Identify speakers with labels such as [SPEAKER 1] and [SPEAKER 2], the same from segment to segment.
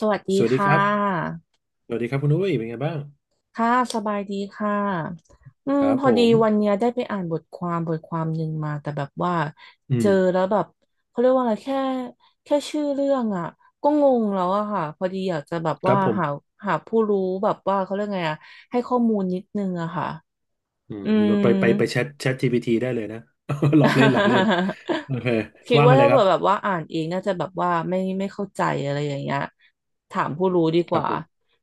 [SPEAKER 1] สวัสดี
[SPEAKER 2] สวัสดี
[SPEAKER 1] ค่
[SPEAKER 2] ครับ
[SPEAKER 1] ะ
[SPEAKER 2] สวัสดีครับคุณอุ้ยเป็นไงบ้าง
[SPEAKER 1] ค่ะสบายดีค่ะ
[SPEAKER 2] ครับ
[SPEAKER 1] พอ
[SPEAKER 2] ผ
[SPEAKER 1] ดี
[SPEAKER 2] ม
[SPEAKER 1] วันเนี้ยได้ไปอ่านบทความหนึ่งมาแต่แบบว่า
[SPEAKER 2] อื
[SPEAKER 1] เจ
[SPEAKER 2] ม
[SPEAKER 1] อแล้วแบบเขาเรียกว่าอะไรแค่แค่ชื่อเรื่องอ่ะก็งงแล้วอะค่ะพอดีอยากจะแบบ
[SPEAKER 2] ครั
[SPEAKER 1] ว่า
[SPEAKER 2] บผม
[SPEAKER 1] หาผู้รู้แบบว่าเขาเรียกไงอะให้ข้อมูลนิดนึงอะค่ะ
[SPEAKER 2] อืม
[SPEAKER 1] อืม
[SPEAKER 2] ไปแชทจีพีทีได้เลยนะ หลอกเล่นหลอกเล่น โอเค
[SPEAKER 1] คิด
[SPEAKER 2] ว่า
[SPEAKER 1] ว่า
[SPEAKER 2] มาเล
[SPEAKER 1] ถ้า
[SPEAKER 2] ยค
[SPEAKER 1] เผื่
[SPEAKER 2] รับ
[SPEAKER 1] อแบบว่าอ่านเองน่าจะแบบว่าไม่เข้าใจอะไรอย่างเงี้ยถามผู้รู้ดี
[SPEAKER 2] ค
[SPEAKER 1] ก
[SPEAKER 2] รับ
[SPEAKER 1] ว่า
[SPEAKER 2] ผม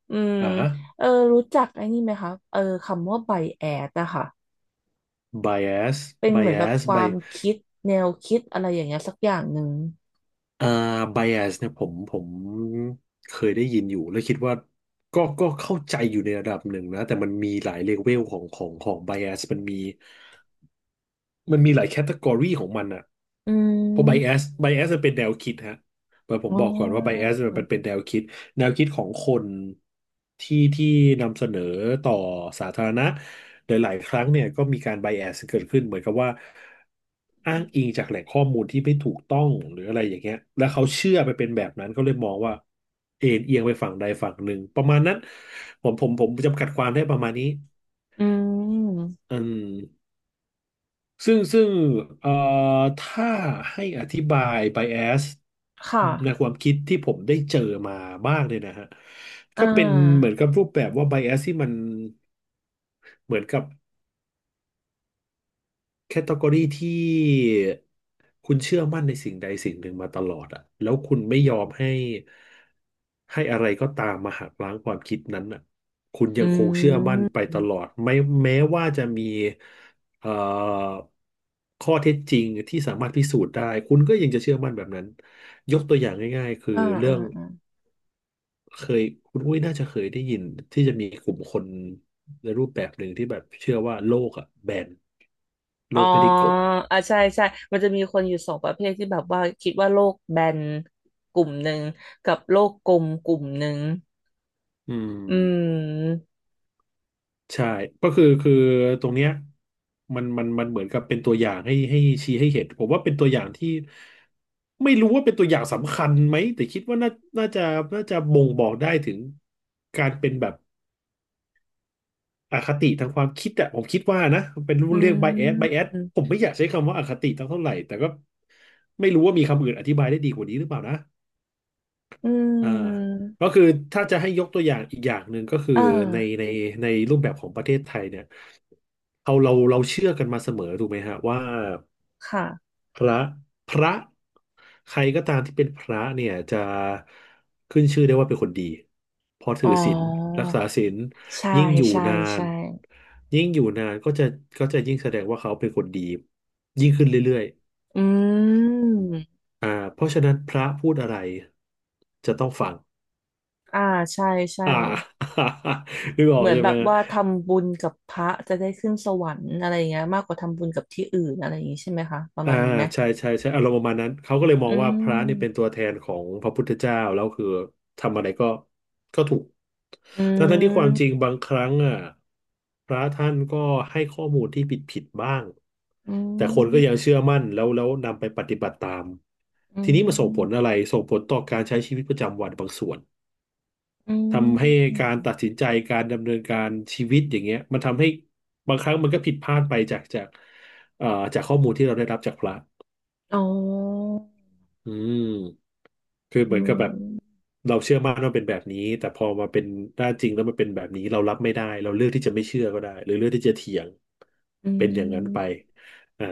[SPEAKER 1] อืม
[SPEAKER 2] อ่าฮะ
[SPEAKER 1] เออรู้จักไอ้นี่ไหมคะเออคำว่าไบแอสอะค่ะ
[SPEAKER 2] bias
[SPEAKER 1] เป็นเหมือนแบบ
[SPEAKER 2] bias
[SPEAKER 1] ความ
[SPEAKER 2] by
[SPEAKER 1] คิดแนวคิดอะไรอย่างเงี้ยสักอย่างหนึ่ง
[SPEAKER 2] อ่า bias เนี่ยผมเคยได้ยินอยู่แล้วคิดว่าก็เข้าใจอยู่ในระดับหนึ่งนะแต่มันมีหลายเลเวลของ bias มันมีหลายแคตตากรีของมันอ่ะ
[SPEAKER 1] อื
[SPEAKER 2] เพราะไบแอส
[SPEAKER 1] ม
[SPEAKER 2] ไบแอสมันเป็นแนวคิดฮะแต่ผม
[SPEAKER 1] อ๋
[SPEAKER 2] บอกก่อนว่าไบ
[SPEAKER 1] อ
[SPEAKER 2] แอสมันเป็นแนวคิดของคนที่นำเสนอต่อสาธารณะโดยหลายๆครั้งเนี่ยก็มีการไบแอสเกิดขึ้นเหมือนกับว่าอ้างอิงจากแหล่งข้อมูลที่ไม่ถูกต้องหรืออะไรอย่างเงี้ยแล้วเขาเชื่อไปเป็นแบบนั้นก็เลยมองว่าเอ็นเอียงไปฝั่งใดฝั่งหนึ่งประมาณนั้นผมจำกัดความได้ประมาณนี้
[SPEAKER 1] อืม
[SPEAKER 2] อืม ซึ่งเอ่อถ้าให้อธิบาย bias
[SPEAKER 1] ค่ะ
[SPEAKER 2] ในความคิดที่ผมได้เจอมาบ้างเนี่ยนะฮะ
[SPEAKER 1] อ่
[SPEAKER 2] ก็เป็นเหมือ
[SPEAKER 1] า
[SPEAKER 2] นกับรูปแบบว่า bias ที่มันเหมือนกับ แคตตากรีที่คุณเชื่อมั่นในสิ่งใดสิ่งหนึ่งมาตลอดอะแล้วคุณไม่ยอมให้อะไรก็ตามมาหักล้างความคิดนั้นอะคุณยั
[SPEAKER 1] อื
[SPEAKER 2] งคงเชื่อมั่นไป
[SPEAKER 1] ม
[SPEAKER 2] ตลอดไม่แม้ว่าจะมีเอ่อข้อเท็จจริงที่สามารถพิสูจน์ได้คุณก็ยังจะเชื่อมั่นแบบนั้นยกตัวอย่างง่ายๆคือ
[SPEAKER 1] อ่า
[SPEAKER 2] เรื่
[SPEAKER 1] อ่า
[SPEAKER 2] อง
[SPEAKER 1] อ่า
[SPEAKER 2] เคยคุณอุ้ยน่าจะเคยได้ยินที่จะมีกลุ่มคนในรูปแบบหนึ่งที่แบบเชื่อว่าโลกอะแบนโล
[SPEAKER 1] อ๋อ
[SPEAKER 2] กไม่ได้กลม
[SPEAKER 1] อ่ะใช่ใช่มันจะมีคนอยู่สองประเภทที่แบบว่าคิดว่าโลกแบนกลุ่มหนึ่งกับโลกกลมกลุ่มหนึ่ง
[SPEAKER 2] อื
[SPEAKER 1] อื
[SPEAKER 2] ม
[SPEAKER 1] ม
[SPEAKER 2] ใช่ก็คือตรงเนี้ยมันเหมือนกับเป็นตัวอย่างให้ชี้ให้เห็นผมว่าเป็นตัวอย่างที่ไม่รู้ว่าเป็นตัวอย่างสำคัญไหมแต่คิดว่าน่าจะน่าจะบ่งบอกได้ถึงการเป็นแบบอคติทางความคิดอะผมคิดว่านะเป็น
[SPEAKER 1] อื
[SPEAKER 2] เรียก bias
[SPEAKER 1] ม
[SPEAKER 2] bias ผมไม่อยากใช้คำว่าอคติตั้งเท่าไหร่แต่ก็ไม่รู้ว่ามีคำอื่นอธิบายได้ดีกว่านี้หรือเปล่านะ
[SPEAKER 1] อื
[SPEAKER 2] อ่า
[SPEAKER 1] ม
[SPEAKER 2] ก็คือถ้าจะให้ยกตัวอย่างอีกอย่างหนึ่งก็คือ
[SPEAKER 1] เออ
[SPEAKER 2] ในในในรูปแบบของประเทศไทยเนี่ยเราเชื่อกันมาเสมอถูกไหมฮะว่า
[SPEAKER 1] ค่ะ
[SPEAKER 2] พระพระใครก็ตามที่เป็นพระเนี่ยจะขึ้นชื่อได้ว่าเป็นคนดีเพอ
[SPEAKER 1] อ๋
[SPEAKER 2] ถือศีล
[SPEAKER 1] อ
[SPEAKER 2] รักษาศีล
[SPEAKER 1] ใช่
[SPEAKER 2] ยิ่งอยู่
[SPEAKER 1] ใช่
[SPEAKER 2] นาน
[SPEAKER 1] ใช่
[SPEAKER 2] ยิ่งอยู่นานก็จะยิ่งแสดงว่าเขาเป็นคนดียิ่งขึ้นเรื่อย
[SPEAKER 1] อืม
[SPEAKER 2] ๆเพราะฉะนั้นพระพูดอะไรจะต้องฟัง
[SPEAKER 1] อ่าใช่ใช่
[SPEAKER 2] อ่า นึกออ
[SPEAKER 1] เห
[SPEAKER 2] ก
[SPEAKER 1] มือน
[SPEAKER 2] ใช่
[SPEAKER 1] แบ
[SPEAKER 2] ไหม
[SPEAKER 1] บ
[SPEAKER 2] ฮะ
[SPEAKER 1] ว่าทำบุญกับพระจะได้ขึ้นสวรรค์อะไรอย่างเงี้ยมากกว่าทำบุญกับที่อื่นอะไรอย่างงี้ใช่ไหมคะประ
[SPEAKER 2] อ่า
[SPEAKER 1] มาณนี้ไหม
[SPEAKER 2] ใช่ใช่ใช่อารมณ์ประมาณนั้นเขาก็เลยมอ
[SPEAKER 1] อื
[SPEAKER 2] งว่าพระนี่เป็นตั
[SPEAKER 1] ม
[SPEAKER 2] วแทนของพระพุทธเจ้าแล้วคือทำอะไรก็ถูก
[SPEAKER 1] อื
[SPEAKER 2] ทั้งที่ความจริง
[SPEAKER 1] ม
[SPEAKER 2] บางครั้งอ่ะพระท่านก็ให้ข้อมูลที่ผิดบ้าง
[SPEAKER 1] อื
[SPEAKER 2] แต่คนก็ยัง
[SPEAKER 1] ม
[SPEAKER 2] เชื่อมั่นแล้วนำไปปฏิบัติตาม
[SPEAKER 1] อื
[SPEAKER 2] ทีนี้มันส่งผลอะ
[SPEAKER 1] ม
[SPEAKER 2] ไรส่งผลต่อการใช้ชีวิตประจำวันบางส่วน
[SPEAKER 1] อื
[SPEAKER 2] ทำให้
[SPEAKER 1] ม
[SPEAKER 2] การตัดสินใจการดำเนินการชีวิตอย่างเงี้ยมันทำให้บางครั้งมันก็ผิดพลาดไปจากเอ่อจากข้อมูลที่เราได้รับจากพระ
[SPEAKER 1] อ๋อ
[SPEAKER 2] อืมคือเห
[SPEAKER 1] อื
[SPEAKER 2] มือนกับแบบ
[SPEAKER 1] ม
[SPEAKER 2] เราเชื่อมั่นว่าเป็นแบบนี้แต่พอมาเป็นห้านจริงแล้วมันเป็นแบบนี้เรารับไม่ได้เราเลือกที่จะไม่เชื่อก็ได้หรือเลือกที่จะเถียง
[SPEAKER 1] อื
[SPEAKER 2] เป็นอย่างนั้นไป
[SPEAKER 1] ม
[SPEAKER 2] อ่า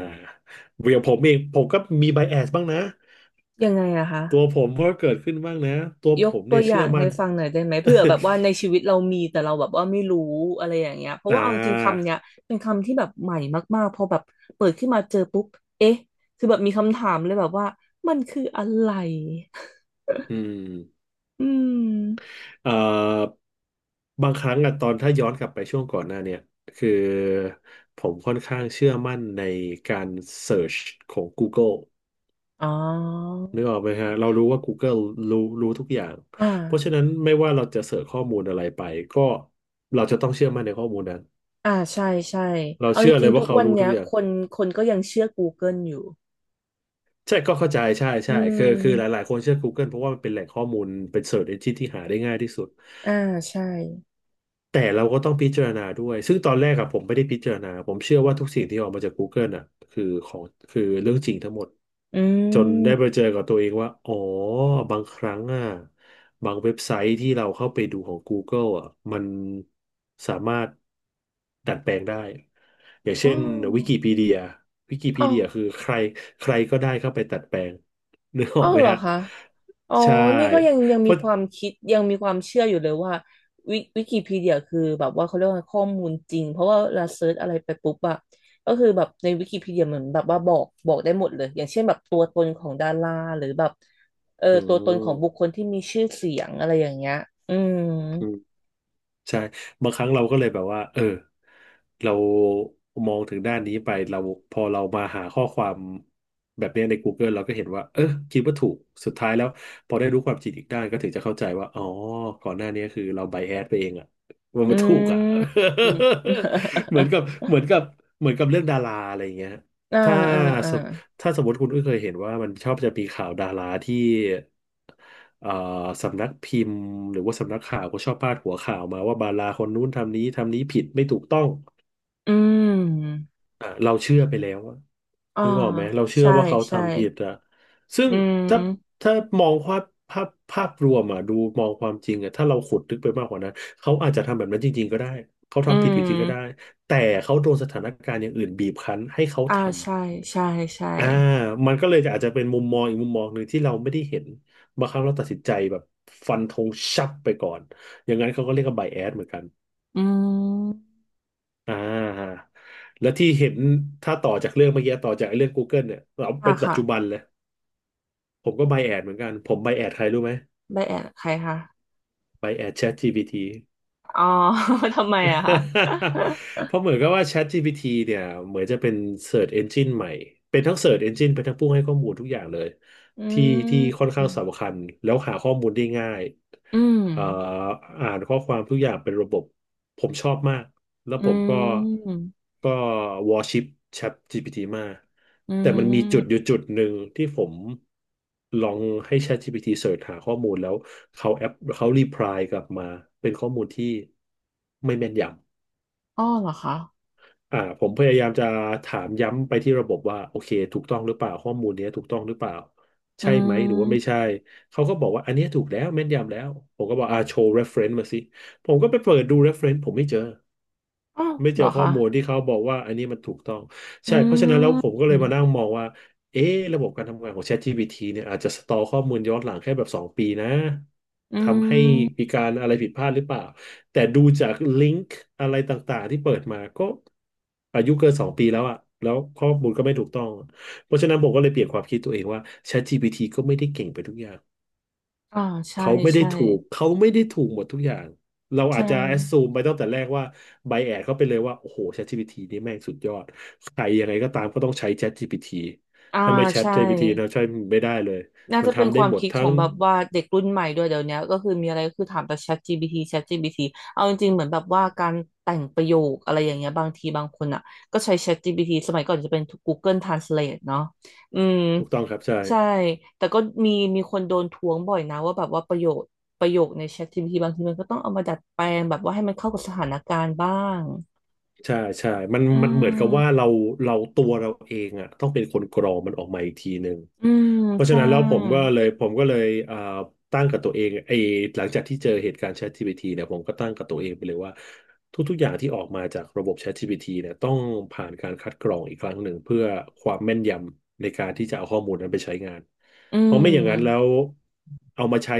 [SPEAKER 2] อย่างผมเองผมก็มีไบแอสบ้างนะ
[SPEAKER 1] ยังไงอะคะ
[SPEAKER 2] ตัวผมก็เกิดขึ้นบ้างนะตัว
[SPEAKER 1] ย
[SPEAKER 2] ผ
[SPEAKER 1] ก
[SPEAKER 2] ม
[SPEAKER 1] ตั
[SPEAKER 2] เนี่
[SPEAKER 1] ว
[SPEAKER 2] ย
[SPEAKER 1] อย่า
[SPEAKER 2] เชื่อ
[SPEAKER 1] งให้
[SPEAKER 2] มั่น
[SPEAKER 1] ฟังหน่อยได้ไหมเผื่อแบบว่าในชี วิตเรามีแต่เราแบบว่าไม่รู้อะไรอย่างเงี้ยเพราะ
[SPEAKER 2] อ่
[SPEAKER 1] ว่าเอาจริงๆคำ
[SPEAKER 2] า
[SPEAKER 1] เนี้ยเป็นคำที่แบบใหม่มากๆพอแบบเปิดขึ้นมาเจอปุ๊บเอ๊ะคือแบบมีคำถามเลยแบบว่ามันคืออะไร
[SPEAKER 2] อืม
[SPEAKER 1] อืม
[SPEAKER 2] เอ่อบางครั้งอะตอนถ้าย้อนกลับไปช่วงก่อนหน้าเนี่ยคือผมค่อนข้างเชื่อมั่นในการเสิร์ชของ Google
[SPEAKER 1] อ๋อ
[SPEAKER 2] นึกออกไหมฮะเรารู้ว่า Google รู้ทุกอย่าง
[SPEAKER 1] อ่า
[SPEAKER 2] เพราะฉะนั้นไม่ว่าเราจะเสิร์ชข้อมูลอะไรไปก็เราจะต้องเชื่อมั่นในข้อมูลนั้น
[SPEAKER 1] อ่าใช่ใช่
[SPEAKER 2] เรา
[SPEAKER 1] เอาจ
[SPEAKER 2] เชื่อเล
[SPEAKER 1] ริง
[SPEAKER 2] ย
[SPEAKER 1] ๆทุ
[SPEAKER 2] ว่า
[SPEAKER 1] ก
[SPEAKER 2] เขา
[SPEAKER 1] วัน
[SPEAKER 2] รู้
[SPEAKER 1] เนี้
[SPEAKER 2] ทุ
[SPEAKER 1] ย
[SPEAKER 2] กอย่า
[SPEAKER 1] ค
[SPEAKER 2] ง
[SPEAKER 1] นคนก็ยังเชื่อ Google อยู่
[SPEAKER 2] ใช่ก็เข้าใจใช่
[SPEAKER 1] อื
[SPEAKER 2] ใช่คือหลา
[SPEAKER 1] ม
[SPEAKER 2] ยๆคนเชื่อ Google เพราะว่ามันเป็นแหล่งข้อมูลเป็น Search Engine ที่หาได้ง่ายที่สุด
[SPEAKER 1] อ่าใช่
[SPEAKER 2] แต่เราก็ต้องพิจารณาด้วยซึ่งตอนแรกอะผมไม่ได้พิจารณาผมเชื่อว่าทุกสิ่งที่ออกมาจาก Google อะคือของคือเรื่องจริงทั้งหมด
[SPEAKER 1] อื
[SPEAKER 2] จนได้ไป
[SPEAKER 1] ม
[SPEAKER 2] เจอกับตัวเองว่าอ๋อบางครั้งอะบางเว็บไซต์ที่เราเข้าไปดูของ Google อะมันสามารถดัดแปลงได้อย่าง
[SPEAKER 1] อ๋
[SPEAKER 2] เช่
[SPEAKER 1] อ
[SPEAKER 2] นวิกิพีเดียวิกิ
[SPEAKER 1] อ๋
[SPEAKER 2] พี
[SPEAKER 1] อ
[SPEAKER 2] เดียคือใครใครก็ได้เข้าไปดัดแปลงนึกอ
[SPEAKER 1] อ๋
[SPEAKER 2] อ
[SPEAKER 1] อ
[SPEAKER 2] กไหม
[SPEAKER 1] เหรอ
[SPEAKER 2] ฮะ
[SPEAKER 1] คะอ๋อ
[SPEAKER 2] ใช่
[SPEAKER 1] นี่ก็ยัง
[SPEAKER 2] เพ
[SPEAKER 1] มี
[SPEAKER 2] ราะ
[SPEAKER 1] ความคิดยังมีความเชื่ออยู่เลยว่าวิวิกิพีเดียคือแบบว่าเขาเรียกว่าข้อมูลจริงเพราะว่าเราเซิร์ชอะไรไปปุ๊บอะก็คือแบบในวิกิพีเดียเหมือนแบบว่าบอกได้หมดเลยอย่างเช่นแบบตัวตนของดาราหรือแบบเออ
[SPEAKER 2] อื
[SPEAKER 1] ตัวตนของบุคคลที่มีชื่อเสียงอะไรอย่างเงี้ยอืม
[SPEAKER 2] ม ใช่บางครั้งเราก็เลยแบบว่าเรามองถึงด้านนี้ไปเราพอเรามาหาข้อความแบบเนี้ยใน Google เราก็เห็นว่าคิดว่าถูกสุดท้ายแล้วพอได้รู้ความจริงอีกด้านก็ถึงจะเข้าใจว่าอ๋อก่อนหน้านี้คือเราไบแอสไปเองอะว่า
[SPEAKER 1] อื
[SPEAKER 2] มันถูกอะ
[SPEAKER 1] ม
[SPEAKER 2] เหมือนกั บเหมือนกับเหมือนกับเรื่องดาราอะไรอย่างเงี้ย
[SPEAKER 1] อ่า
[SPEAKER 2] ถ้า
[SPEAKER 1] อ่า
[SPEAKER 2] ถ้าสมมติคุณก็เคยเห็นว่ามันชอบจะมีข่าวดาราที่เอ่อสำนักพิมพ์หรือว่าสำนักข่าวก็ชอบพาดหัวข่าวมาว่าดาราคนนู้นทำนี้ทำนี้ผิดไม่ถูกต้อง
[SPEAKER 1] อืม
[SPEAKER 2] อ่ะเราเชื่อไปแล้วอะ
[SPEAKER 1] อ่า
[SPEAKER 2] นึกออกไหมเราเชื่อ
[SPEAKER 1] ใช่
[SPEAKER 2] ว่าเขา
[SPEAKER 1] ใช่
[SPEAKER 2] ทำผิดอะซึ่
[SPEAKER 1] อื
[SPEAKER 2] งถ้า
[SPEAKER 1] ม
[SPEAKER 2] ถ้ามองภาพภาพรวมอะดูมองความจริงอะถ้าเราขุดลึกไปมากกว่านั้นเขาอาจจะทำแบบนั้นจริงๆก็ได้เขา
[SPEAKER 1] อื
[SPEAKER 2] ทำผิดจริงๆก็ได้
[SPEAKER 1] ม
[SPEAKER 2] แต่เขาโดนสถานการณ์อย่างอื่นบีบคั้นให้เขา
[SPEAKER 1] อ่า
[SPEAKER 2] ทำ
[SPEAKER 1] ใช่ใช่ใช่
[SPEAKER 2] อ่ามันก็เลยจะอาจจะเป็นมุมมองอีกมุมมองหนึ่งที่เราไม่ได้เห็นบางครั้งเราตัดสินใจแบบฟันธงชับไปก่อนอย่างนั้นเขาก็เรียกว่าไบแอสเหมือนกัน
[SPEAKER 1] อืม
[SPEAKER 2] อ่าแล้วที่เห็นถ้าต่อจากเรื่องเมื่อกี้ต่อจากไอ้เรื่อง Google เนี่ยเรา
[SPEAKER 1] อ่า
[SPEAKER 2] เป็นปัจ
[SPEAKER 1] ค่ะ
[SPEAKER 2] จุบันเลยผมก็ไบแอสเหมือนกันผมไบแอสใครรู้ไหม
[SPEAKER 1] ได้แอดใครคะ
[SPEAKER 2] ไบแอส ChatGPT
[SPEAKER 1] อ๋อ ทำไมอะคะ
[SPEAKER 2] เพราะเหมือนกับว่า ChatGPT เนี่ยเหมือนจะเป็น Search Engine ใหม่เป็นทั้ง Search Engine เป็นทั้งผู้ให้ข้อมูลทุกอย่างเลย
[SPEAKER 1] อื
[SPEAKER 2] ที่ที่ค่อน
[SPEAKER 1] ม
[SPEAKER 2] ข้างสำคัญแล้วหาข้อมูลได้ง่าย
[SPEAKER 1] อืม
[SPEAKER 2] เอ่ออ่านข้อความทุกอย่างเป็นระบบผมชอบมากแล้ว
[SPEAKER 1] อื
[SPEAKER 2] ผมก็
[SPEAKER 1] ม
[SPEAKER 2] ก็วอร์ชิป ChatGPT มาก
[SPEAKER 1] อื
[SPEAKER 2] แต่มันมีจุ
[SPEAKER 1] ม
[SPEAKER 2] ดอยู่จุดหนึ่งที่ผมลองให้ ChatGPT เสิร์ชหาข้อมูลแล้วเขาแอปเขารีプライกลับมาเป็นข้อมูลที่ไม่แม่นยำ
[SPEAKER 1] อ้อเหรอคะ
[SPEAKER 2] อ่าผมพยายามจะถามย้ำไปที่ระบบว่าโอเคถูกต้องหรือเปล่าข้อมูลเนี้ยถูกต้องหรือเปล่า
[SPEAKER 1] อื
[SPEAKER 2] ใช่ไหมห
[SPEAKER 1] ม
[SPEAKER 2] รือว่าไม่ใช่เขาก็บอกว่าอันเนี้ยถูกแล้วแม่นยำแล้วผมก็บอกอ่าโชว์ reference มาสิผมก็ไปเปิดดู reference ผมไม่เจอ
[SPEAKER 1] อ้าว
[SPEAKER 2] ไม่
[SPEAKER 1] เหร
[SPEAKER 2] เจอ
[SPEAKER 1] อ
[SPEAKER 2] ข้อ
[SPEAKER 1] คะ
[SPEAKER 2] มูลที่เขาบอกว่าอันนี้มันถูกต้องใช่
[SPEAKER 1] อื
[SPEAKER 2] เพราะฉะนั้นแล้วผม
[SPEAKER 1] ม
[SPEAKER 2] ก็เลยมานั่งมองว่าเอ๊ะระบบการทำงานของ ChatGPT เนี่ยอาจจะสตอร์ข้อมูลย้อนหลังแค่แบบสองปีนะ
[SPEAKER 1] อื
[SPEAKER 2] ทำให้
[SPEAKER 1] ม
[SPEAKER 2] มีการอะไรผิดพลาดหรือเปล่า แต่ดูจากลิงก์อะไรต่างๆที่เปิดมาก็อายุเกินสองปีแล้วอะแล้วข้อมูลก็ไม่ถูกต้องอะเพราะฉะนั้นผมก็เลยเปลี่ยนความคิดตัวเองว่า ChatGPT ก็ไม่ได้เก่งไปทุกอย่าง
[SPEAKER 1] อ่าใช่
[SPEAKER 2] เขาไม่ได้
[SPEAKER 1] ใช่
[SPEAKER 2] ถูกเขาไม่ได้ถูกหมดทุกอย่างเราอาจ
[SPEAKER 1] ใช่
[SPEAKER 2] จะแอ s ซูมไปตั้งแต่แรกว่าไบแอดเขาไปเลยว่าโอ้โห ChatGPT นี่แม่งสุดยอดใครยังไงก็ตามก็ต้องใช้ ChatGPT
[SPEAKER 1] อ่า
[SPEAKER 2] ถ้าไม่
[SPEAKER 1] ใช่
[SPEAKER 2] ChatGPT เราใช้ไม่ได้เลย
[SPEAKER 1] น่า
[SPEAKER 2] มัน
[SPEAKER 1] จะเป็น
[SPEAKER 2] ทำ
[SPEAKER 1] ค
[SPEAKER 2] ได้
[SPEAKER 1] วาม
[SPEAKER 2] หมด
[SPEAKER 1] คิดข
[SPEAKER 2] ทั้
[SPEAKER 1] อ
[SPEAKER 2] ง
[SPEAKER 1] งแบบว่าเด็กรุ่นใหม่ด้วยเดี๋ยวเนี้ยก็คือมีอะไรก็คือถามแต่ ChatGPT เอาจริงๆเหมือนแบบว่าการแต่งประโยคอะไรอย่างเงี้ยบางทีบางคนอ่ะก็ใช้ ChatGPT สมัยก่อนจะเป็น Google Translate เนาะอืม
[SPEAKER 2] ถูกต้องครับใช่
[SPEAKER 1] ใช่แต่ก็มีมีคนโดนท้วงบ่อยนะว่าแบบว่าประโยคใน ChatGPT บางทีมันก็ต้องเอามาดัดแปลงแบบว่าให้มันเข้ากับสถานการณ์บ้าง
[SPEAKER 2] ใช่ใช่มัน
[SPEAKER 1] อื
[SPEAKER 2] มันเหมือนกับว่า
[SPEAKER 1] ม
[SPEAKER 2] เราตัวเราเองอ่ะต้องเป็นคนกรองมันออกมาอีกทีหนึ่ง
[SPEAKER 1] อืม
[SPEAKER 2] เพราะฉะ
[SPEAKER 1] ใช่
[SPEAKER 2] นั้นแล้วผมก็เลยอ่าตั้งกับตัวเองไอ้หลังจากที่เจอเหตุการณ์ ChatGPT เนี่ยผมก็ตั้งกับตัวเองไปเลยว่าทุกๆอย่างที่ออกมาจากระบบ ChatGPT เนี่ยต้องผ่านการคัดกรองอีกครั้งหนึ่งเพื่อความแม่นยำในการที่จะเอาข้อมูลนั้นไปใช้งาน
[SPEAKER 1] อื
[SPEAKER 2] เพราะไม่
[SPEAKER 1] ม
[SPEAKER 2] อย่างนั้นแล้วเอามาใช้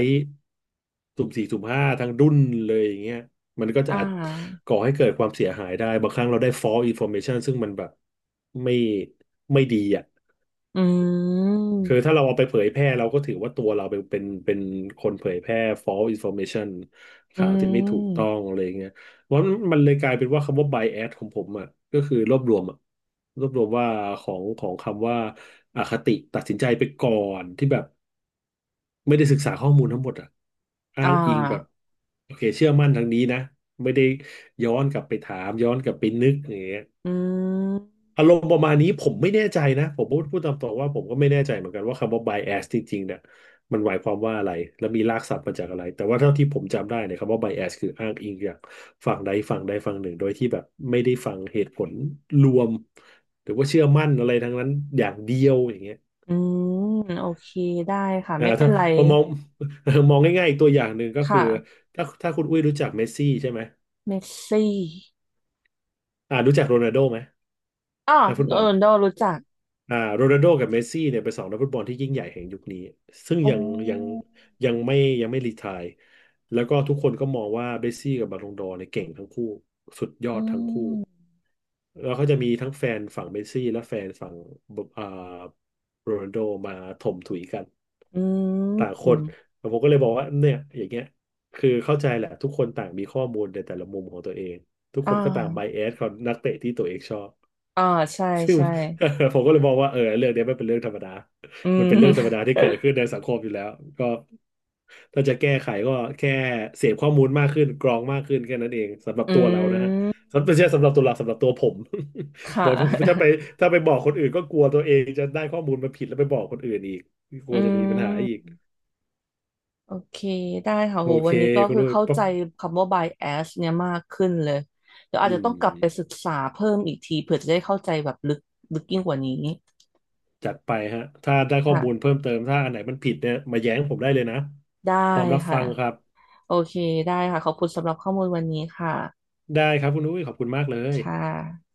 [SPEAKER 2] สุ่มสี่สุ่มห้าทั้งรุ่นเลยอย่างเงี้ย มันก็จะ
[SPEAKER 1] อ่
[SPEAKER 2] อาจ
[SPEAKER 1] า
[SPEAKER 2] ก่อให้เกิดความเสียหายได้บางครั้งเราได้ false information ซึ่งมันแบบไม่ไม่ดีอ่ะ
[SPEAKER 1] อื
[SPEAKER 2] คือถ้า
[SPEAKER 1] ม
[SPEAKER 2] เราเอาไปเผยแพร่เราก็ถือว่าตัวเราเป็นคนเผยแพร่ false information
[SPEAKER 1] อื
[SPEAKER 2] ข่าวที่ไม่ถูกต้อ
[SPEAKER 1] ม
[SPEAKER 2] งอะไรเงี้ยเพราะมันเลยกลายเป็นว่าคำว่า bias ของผมอ่ะก็คือรวบรวมอ่ะรวบรวมว่าของคำว่าอคติตัดสินใจไปก่อนที่แบบไม่ได้ศึกษาข้อมูลทั้งหมดอ่ะอ้า
[SPEAKER 1] อ่
[SPEAKER 2] งอิงแบบ
[SPEAKER 1] า
[SPEAKER 2] โอเคเชื่อมั่นทางนี้นะไม่ได้ย้อนกลับไปถามย้อนกลับไปนึกอย่างเงี้ย
[SPEAKER 1] อืม
[SPEAKER 2] อารมณ์ประมาณนี้ผมไม่แน่ใจนะผมพูดตามตรงว่าผมก็ไม่แน่ใจเหมือนกันว่าคำว่า bias จริงๆเนี่ยมันหมายความว่าอะไรและมีรากศัพท์มาจากอะไรแต่ว่าเท่าที่ผมจำได้เนี่ยคำว่า bias คืออ้างอิงจากฝั่งใดฝั่งหนึ่งโดยที่แบบไม่ได้ฟังเหตุผลรวมหรือว่าเชื่อมั่นอะไรทั้งนั้นอย่างเดียวอย่างเงี้ย
[SPEAKER 1] อืมโอเคได้ค่ะไม่เป็
[SPEAKER 2] ถ้า
[SPEAKER 1] นไร
[SPEAKER 2] พอมอง มองง่ายๆอีกตัวอย่างหนึ่งก็คือ
[SPEAKER 1] ค่ะ
[SPEAKER 2] ถ้าคุณอุ้ยรู้จักเมสซี่ใช่ไหม
[SPEAKER 1] เมสซี่
[SPEAKER 2] รู้จักโรนัลโด้ไหม
[SPEAKER 1] อ๋อ
[SPEAKER 2] นักฟุตบ
[SPEAKER 1] เอ
[SPEAKER 2] อล
[SPEAKER 1] อโดรู้จัก
[SPEAKER 2] โรนัลโดกับเมสซี่เนี่ยเป็นสองนักฟุตบอลที่ยิ่งใหญ่แห่งยุคนี้ซึ่ง
[SPEAKER 1] อ๋
[SPEAKER 2] ยังยัง
[SPEAKER 1] อ
[SPEAKER 2] ยังไม่ยังไม่รีไทร์แล้วก็ทุกคนก็มองว่าเมสซี่กับบาลงดอร์เนี่ยเก่งทั้งคู่สุดยอ
[SPEAKER 1] อื
[SPEAKER 2] ดทั้งคู่
[SPEAKER 1] ม
[SPEAKER 2] แล้วเขาจะมีทั้งแฟนฝั่งเมสซี่และแฟนฝั่งบอ่าโรนัลโดมาถมถุยกัน
[SPEAKER 1] อื
[SPEAKER 2] ต่างค
[SPEAKER 1] ม
[SPEAKER 2] นผมก็เลยบอกว่าเนี่ยอย่างเงี้ยคือเข้าใจแหละทุกคนต่างมีข้อมูลในแต่ละมุมของตัวเองทุก
[SPEAKER 1] อ่
[SPEAKER 2] คนก็ต่างไบ
[SPEAKER 1] า
[SPEAKER 2] แอสของนักเตะที่ตัวเองชอบ
[SPEAKER 1] อ่าใช่
[SPEAKER 2] ซึ่ง
[SPEAKER 1] ใช่
[SPEAKER 2] ผมก็เลยมองว่าเออเรื่องเนี้ยไม่เป็นเรื่องธรรมดา
[SPEAKER 1] อื
[SPEAKER 2] มันเป็นเรื่องธรรม
[SPEAKER 1] ม
[SPEAKER 2] ดาที่เกิดขึ้นในสังคมอยู่แล้ว ก็ถ้าจะแก้ไขก็แค่เสพข้อมูลมากขึ้นกรองมากขึ้นแค่นั้นเองสำหรับ
[SPEAKER 1] อื
[SPEAKER 2] ตัวเรานะฮะ
[SPEAKER 1] ม
[SPEAKER 2] สำหรับไม่ใช่สำหรับตัวเราสำหรับตัวผม
[SPEAKER 1] ค่
[SPEAKER 2] บอกผมถ้าไป
[SPEAKER 1] ะ
[SPEAKER 2] ถ้าไปบอกคนอื่นก็กลัวตัวเองจะได้ข้อมูลมาผิดแล้วไปบอกคนอื่นอีกก
[SPEAKER 1] อื
[SPEAKER 2] ลัวจะมีปัญหาอีก
[SPEAKER 1] ม โอเคได้ค่ะ
[SPEAKER 2] โอ
[SPEAKER 1] โห
[SPEAKER 2] เค
[SPEAKER 1] วันนี้ก็
[SPEAKER 2] คุณ
[SPEAKER 1] คือ
[SPEAKER 2] ด้วย
[SPEAKER 1] เข้า
[SPEAKER 2] ปั๊
[SPEAKER 1] ใจ
[SPEAKER 2] บ
[SPEAKER 1] คำว่า bias เนี่ยมากขึ้นเลยเดี๋ยวอา
[SPEAKER 2] อื
[SPEAKER 1] จจะต้องกลับไปศึ
[SPEAKER 2] ม
[SPEAKER 1] กษาเพิ่มอีกทีเผื่อจะได้เข้าใจแบบลึกยิ่งกว่านี้
[SPEAKER 2] จัดไปฮะถ้าได้ข้อมูล
[SPEAKER 1] ค่ะ
[SPEAKER 2] เพิ่มเติมถ้าอันไหนมันผิดเนี่ยมาแย้งผมได้เลยนะ
[SPEAKER 1] ได้
[SPEAKER 2] พร้อมรับฟั
[SPEAKER 1] ค่ะ
[SPEAKER 2] งครับ
[SPEAKER 1] โอเคได้ค่ะขอบคุณสำหรับข้อมูลวันนี้ค่ะ
[SPEAKER 2] ได้ครับคุณอุ้ยขอบคุณมากเลย
[SPEAKER 1] ค่ะ